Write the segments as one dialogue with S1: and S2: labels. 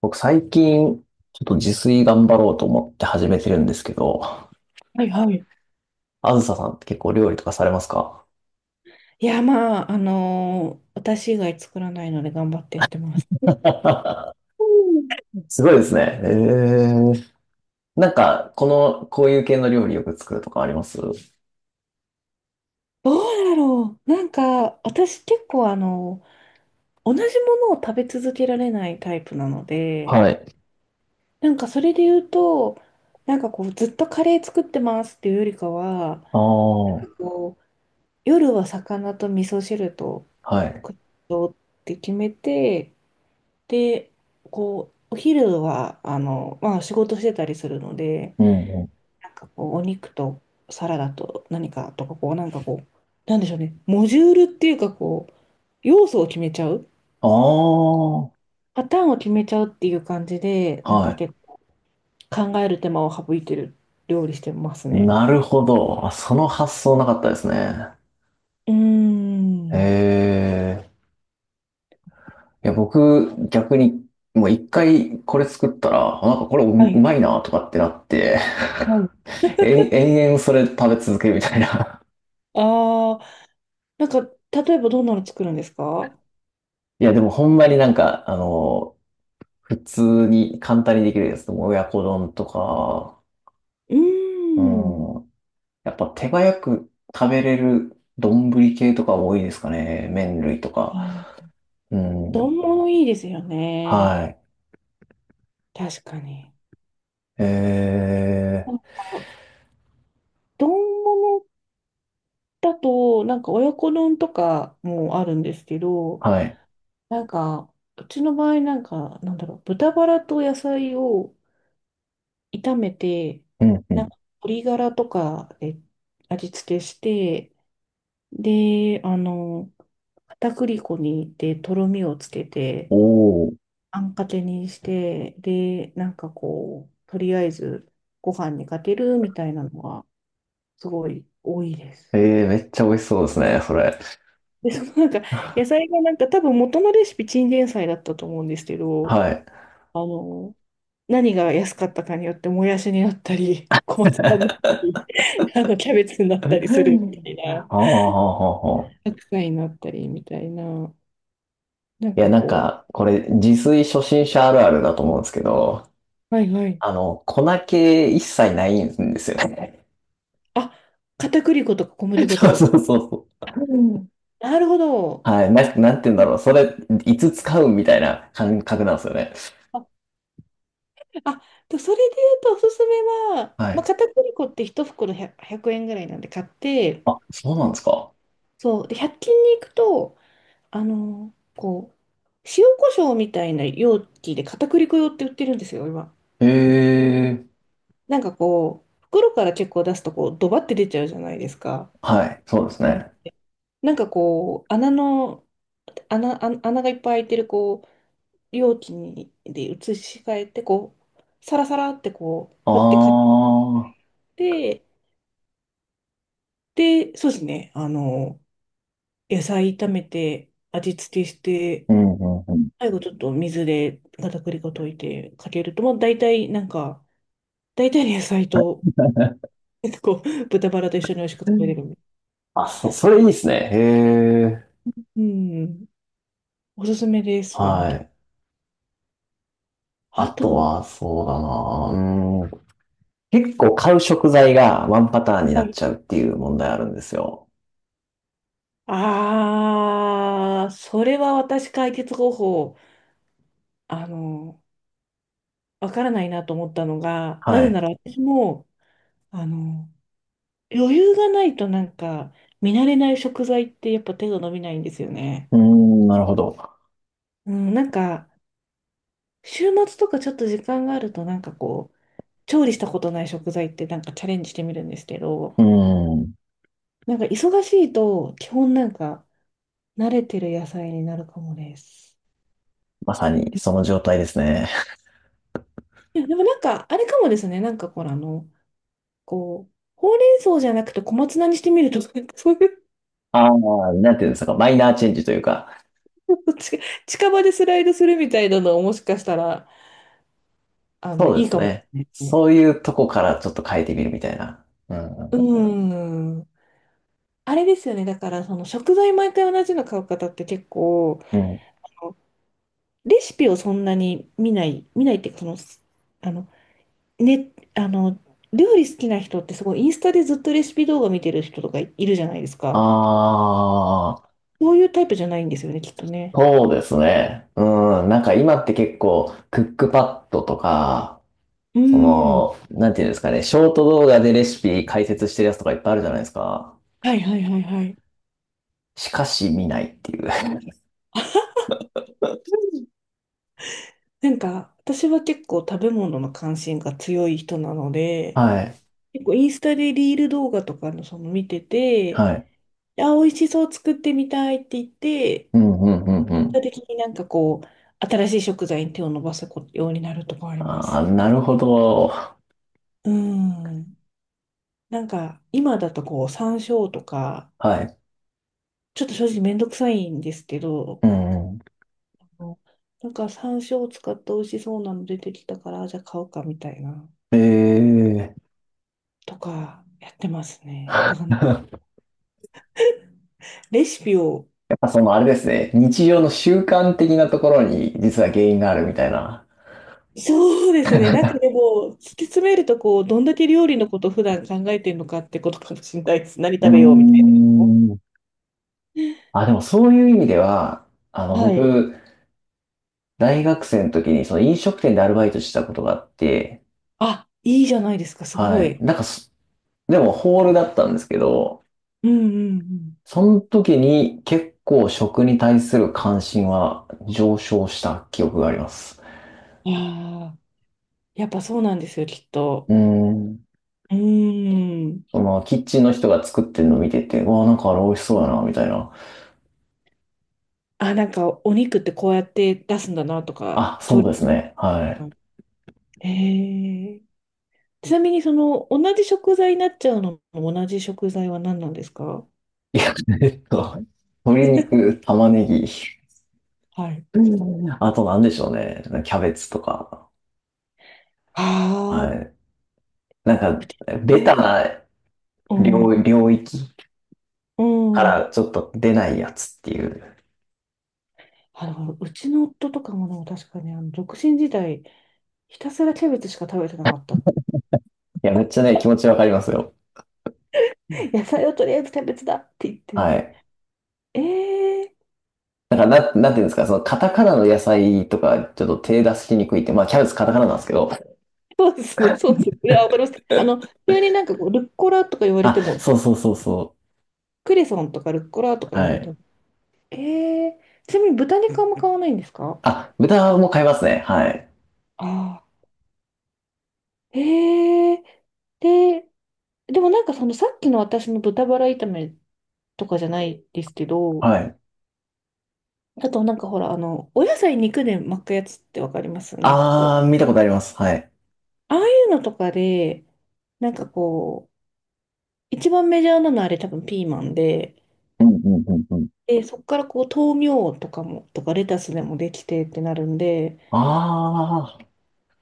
S1: 僕最近、ちょっと自炊頑張ろうと思って始めてるんですけど、
S2: はいはい。
S1: あずささんって結構料理とかされますか？
S2: いや、まあ、私以外作らないので頑張ってやってます。
S1: すごいですね。ー、こういう系の料理よく作るとかあります？
S2: どうだろう。なんか、私結構、同じものを食べ続けられないタイプなので、
S1: はい。
S2: なんかそれで言うと、なんかこう、ずっとカレー作ってますっていうよりかは、
S1: ああ、
S2: こう、夜は魚と味噌汁と
S1: はい。
S2: 副とって決めて、で、こう、お昼は、まあ仕事してたりするので、
S1: うんうん。
S2: なんかこう、お肉とサラダと何かとか、こう、なんかこう、なんでしょうね、モジュールっていうか、こう、要素を決めちゃう、
S1: ああ、
S2: パターンを決めちゃうっていう感じで、なん
S1: は
S2: か
S1: い。
S2: 結構考える手間を省いてる料理してますね。
S1: なるほど。あ、その発想なかったですね。
S2: うー
S1: え
S2: ん。
S1: え。いや、僕、逆に、もう一回これ作ったら、あなんかこれうう
S2: はい。
S1: まいなとかってなって、
S2: はい。
S1: え、延々それ食べ続けるみたいな。
S2: ああ、なんか、例えばどんなの作るんですか？
S1: いや、でもほんまになんか、普通に簡単にできるやつでも親子丼とか、
S2: うー
S1: う
S2: ん。
S1: ん。やっぱ手早く食べれる丼系とか多いですかね。麺類と
S2: あ
S1: か。
S2: ー
S1: うん。
S2: 丼物いいですよ
S1: は
S2: ね。
S1: い。
S2: 確かに。
S1: え
S2: なんか丼物だと、なんか親子丼とかもあるんですけど、
S1: ー、はい。
S2: なんか、うちの場合、なんか、なんだろう、豚バラと野菜を炒めて、
S1: うんう
S2: な
S1: ん。
S2: んか、鶏ガラとかで味付けして、で、片栗粉にでとろみをつけて、
S1: おー。
S2: あんかけにして、で、なんかこう、とりあえずご飯にかけるみたいなのが、すごい多いで
S1: え
S2: す。
S1: ー、めっちゃ美味しそうですね、それ。
S2: で、そのなんか、野菜がなんか多分元のレシピチンゲン菜だったと思うんですけど、
S1: はい。
S2: あの、何が安かったかによってもやしになったり、小松菜になったり、キャベツになったりするみたい な、
S1: ああ、はあ、はあ、はあ。
S2: 白菜になったりみたいな、なん
S1: いや、
S2: か
S1: なん
S2: こ
S1: か、これ、自炊初心者あるあるだと思うんですけど、
S2: う、はいはい。
S1: 粉気一切ないんですよね。
S2: あ、片栗粉とか小麦 粉と
S1: そう
S2: か
S1: そ
S2: が。
S1: うそうそ
S2: あ、
S1: う。
S2: なるほど。
S1: はい。なんて言うんだろう。それ、いつ使うみたいな感覚なんですよね。
S2: あ、あ、とそれで言うとおすすめは、
S1: は
S2: まあ、
S1: い。
S2: 片栗粉って1袋100、円ぐらいなんで買って、
S1: あ、そうなんですか。
S2: そう、で100均に行くと、こう、塩コショウみたいな容器で片栗粉用って売ってるんですよ、今。
S1: へえ。
S2: なんかこう、袋から結構出すとこう、ドバって出ちゃうじゃないですか。
S1: はい。そうです
S2: うん、
S1: ね。
S2: なんかこう、穴の、穴、あ穴がいっぱい開いてるこう、容器にで移し替えて、こう、サラサラってこう、
S1: あ
S2: 振ってかけ
S1: あ。
S2: て、で、そうですね、野菜炒めて、味付けして、
S1: うんうん
S2: 最後ちょっと水で片栗粉溶いてかけると、もう大体なんか、大体の野菜と、結構豚バラと一緒に美味しく
S1: う
S2: 食べ
S1: ん。
S2: れるみたい。
S1: それいいですね。へえ。
S2: うん。おすすめです、そういうの
S1: は
S2: と。
S1: い。あ
S2: あ
S1: と
S2: と、
S1: は、そうだな。うん。結構買う食材がワンパターンにな
S2: は
S1: っ
S2: い。
S1: ちゃうっていう問題あるんですよ。
S2: ああ、それは私解決方法、あの、わからないなと思ったのが、な
S1: は
S2: ぜな
S1: い。
S2: ら私も、あの、余裕がないとなんか、見慣れない食材ってやっぱ手が伸びないんですよね。
S1: うーん、なるほど。
S2: うん、なんか、週末とかちょっと時間があるとなんかこう、調理したことない食材ってなんかチャレンジしてみるんですけど、
S1: うん。
S2: なんか忙しいと、基本なんか慣れてる野菜になるかもです。
S1: まさにその状態ですね。
S2: いや、でもなんか、あれかもですね。なんかほら、こう、ほうれん草じゃなくて小松菜にしてみるとなんか そういう、
S1: ああ、なんていうんですか、マイナーチェンジというか、
S2: ち近場でスライドするみたいなのをもしかしたら、
S1: そう
S2: い
S1: で
S2: い
S1: す
S2: かも
S1: ね。
S2: ですね。
S1: そういうとこからちょっと変えてみるみたいな。うん、
S2: う
S1: う
S2: ん。あれですよね。だから、その食材毎回同じの買う方って結構、
S1: ん。うん。
S2: レシピをそんなに見ない、見ないっていうか、その、あの、ね、料理好きな人ってすごいインスタでずっとレシピ動画見てる人とかいるじゃないです
S1: あ
S2: か。
S1: あ、
S2: そういうタイプじゃないんですよね、きっとね。
S1: そうですね。うん。なんか今って結構、クックパッドとか、
S2: う
S1: そ
S2: ーん。
S1: の、なんていうんですかね、ショート動画でレシピ解説してるやつとかいっぱいあるじゃないですか。
S2: はいはいはいはい。
S1: しかし見ないっていう。
S2: なんか、私は結構食べ物の関心が強い人なので、
S1: はい。
S2: 結構インスタでリール動画とかのその見てて、
S1: はい。
S2: あ、美味しそう作ってみたいって言って、
S1: うん、うん、うん、う
S2: 結果
S1: ん。
S2: 的になんかこう、新しい食材に手を伸ばすようになるとかありま
S1: ああ、
S2: す。
S1: なるほど。
S2: うーん。なんか、今だとこう、山椒とか、
S1: はい。
S2: ちょっと正直めんどくさいんですけど、
S1: うん、うん。
S2: あのなんか山椒を使って美味しそうなの出てきたから、じゃあ買おうかみたいな、
S1: ええ。
S2: とかやってますね。だから
S1: や
S2: レシピを、
S1: っぱそのあれですね。日常の習慣的なところに実は原因があるみたいな。
S2: そうで すね。なんかで
S1: う
S2: も、突き詰めると、こう、どんだけ料理のこと普段考えてるのかってことかもしれないです。何
S1: ー
S2: 食べようみたい
S1: ん。あ、でもそういう意味では、あの、
S2: な。はい。
S1: 僕、大学生の時にその飲食店でアルバイトしてたことがあって、
S2: あ、いいじゃないですか、すご
S1: はい。
S2: い。
S1: なんかそでもホールだったんですけど、
S2: うんうん
S1: その時に結構食に対する関心は上昇した記憶があります。
S2: うん。ああ、やっぱそうなんですよ、きっと。
S1: うーん。
S2: うーん。
S1: その、キッチンの人が作ってるのを見てて、うわ、なんかあれ美味しそうやな、みたいな。
S2: あ、なんかお肉ってこうやって出すんだなとか、
S1: あ、そ
S2: 調
S1: う
S2: 理。
S1: ですね。は
S2: ええ、ちなみにその同じ食材になっちゃうのも同じ食材は何なんですか？
S1: い。いや、えっと、鶏肉、玉ねぎ、
S2: はい。
S1: あと何でしょうね。キャベツとか。
S2: ああ、
S1: はい。なん
S2: う
S1: か、
S2: ち
S1: ベタ
S2: の、
S1: な
S2: うん、
S1: 領域
S2: う
S1: か
S2: ん。
S1: らちょっと出ないやつっていう。
S2: うちの夫とかもでも確かにあの独身時代、ひたすらキャベツしか食べてなかったって。
S1: いや、めっちゃね、気持ちわかりますよ。
S2: 野菜をとりあえずキャベツだって言っ
S1: は
S2: て。
S1: い。
S2: ええー、
S1: なんか、なんていうんですか、その、カタカナの野菜とか、ちょっと手出しにくいって、まあ、キャベツカタカナなんですけど。
S2: そうですね、そうですね。いやわかります。急になんかこうルッコラとか言われて
S1: あ、
S2: も、
S1: そうそうそうそ
S2: クレソンとかルッコラとか
S1: う。
S2: 言わ
S1: は
S2: れて
S1: い。
S2: もええ、ちなみに豚肉あんま買わないんですか？
S1: あ、豚も買いますね。はい。
S2: ああ、ええ、で、でもなんかそのさっきの私の豚バラ炒めとかじゃないですけど、
S1: はい。
S2: あとなんかほら、お野菜肉で巻くやつってわかります？なんかこ
S1: あー、
S2: う、
S1: 見たことあります。はい。
S2: ああいうのとかで、なんかこう、一番メジャーなのあれ多分ピーマンで、
S1: うんうんうんうん。
S2: で、そっからこう豆苗とかも、とかレタスでもできてってなるんで、
S1: ああ、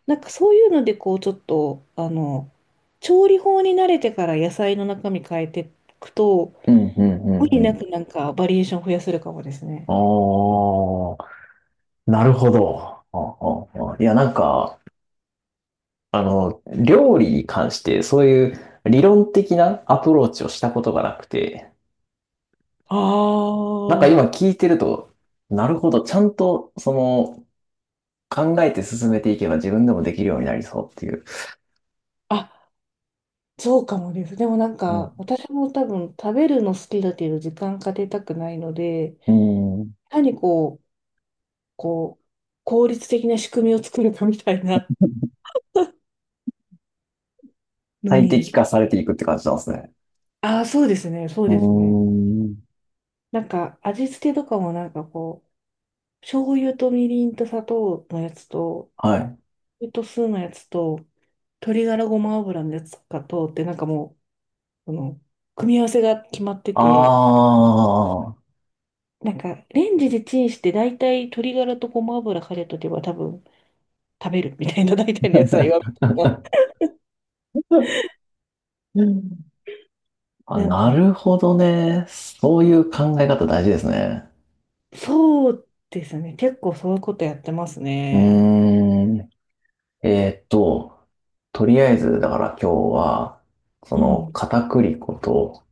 S2: なんかそういうので、こう、ちょっと、調理法に慣れてから野菜の中身変えていくと、
S1: うんうんう
S2: 無
S1: ん
S2: 理
S1: う
S2: な
S1: ん。
S2: くなんかバリエーション増やせるかもですね。
S1: おー、なるほど。あああいや、なんか、あの、料理に関して、そういう理論的なアプローチをしたことがなくて、
S2: あ
S1: なんか今聞いてると、なるほど、ちゃんと、その、考えて進めていけば自分でもできるようになりそうっていう。
S2: あ、あ、そうかもです。でもなんか、
S1: う
S2: 私も多分食べるの好きだけど時間かけたくないので、
S1: ん。うん。
S2: 単にこう、効率的な仕組みを作るかみたいなの
S1: 最適
S2: に。
S1: 化されていくって感じなんですね。
S2: ああ、そうですね、そう
S1: うー
S2: ですね。
S1: ん。
S2: なんか味付けとかもなんかこう、醤油とみりんと砂糖のやつと、
S1: はい。
S2: 酢のやつと、鶏ガラごま油のやつかと、ってなんかもう、その、組み合わせが決まって
S1: あ
S2: て、
S1: あ。
S2: なんか、レンジでチンして、大体鶏ガラとごま油かけとけば多分食べるみたいな、大体の野菜は、みたい
S1: あ、
S2: な。なん
S1: な
S2: か、
S1: るほどね。そういう考え方大事ですね。
S2: そうですね。結構そういうことやってます
S1: うー
S2: ね。
S1: ん。えーっと、とりあえず、だから今日は、そ
S2: う
S1: の、
S2: ん。
S1: 片栗粉と、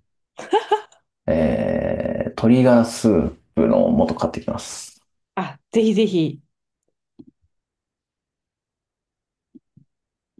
S1: えー、鶏ガラスープの素買ってきます。
S2: あ、ぜひぜひ。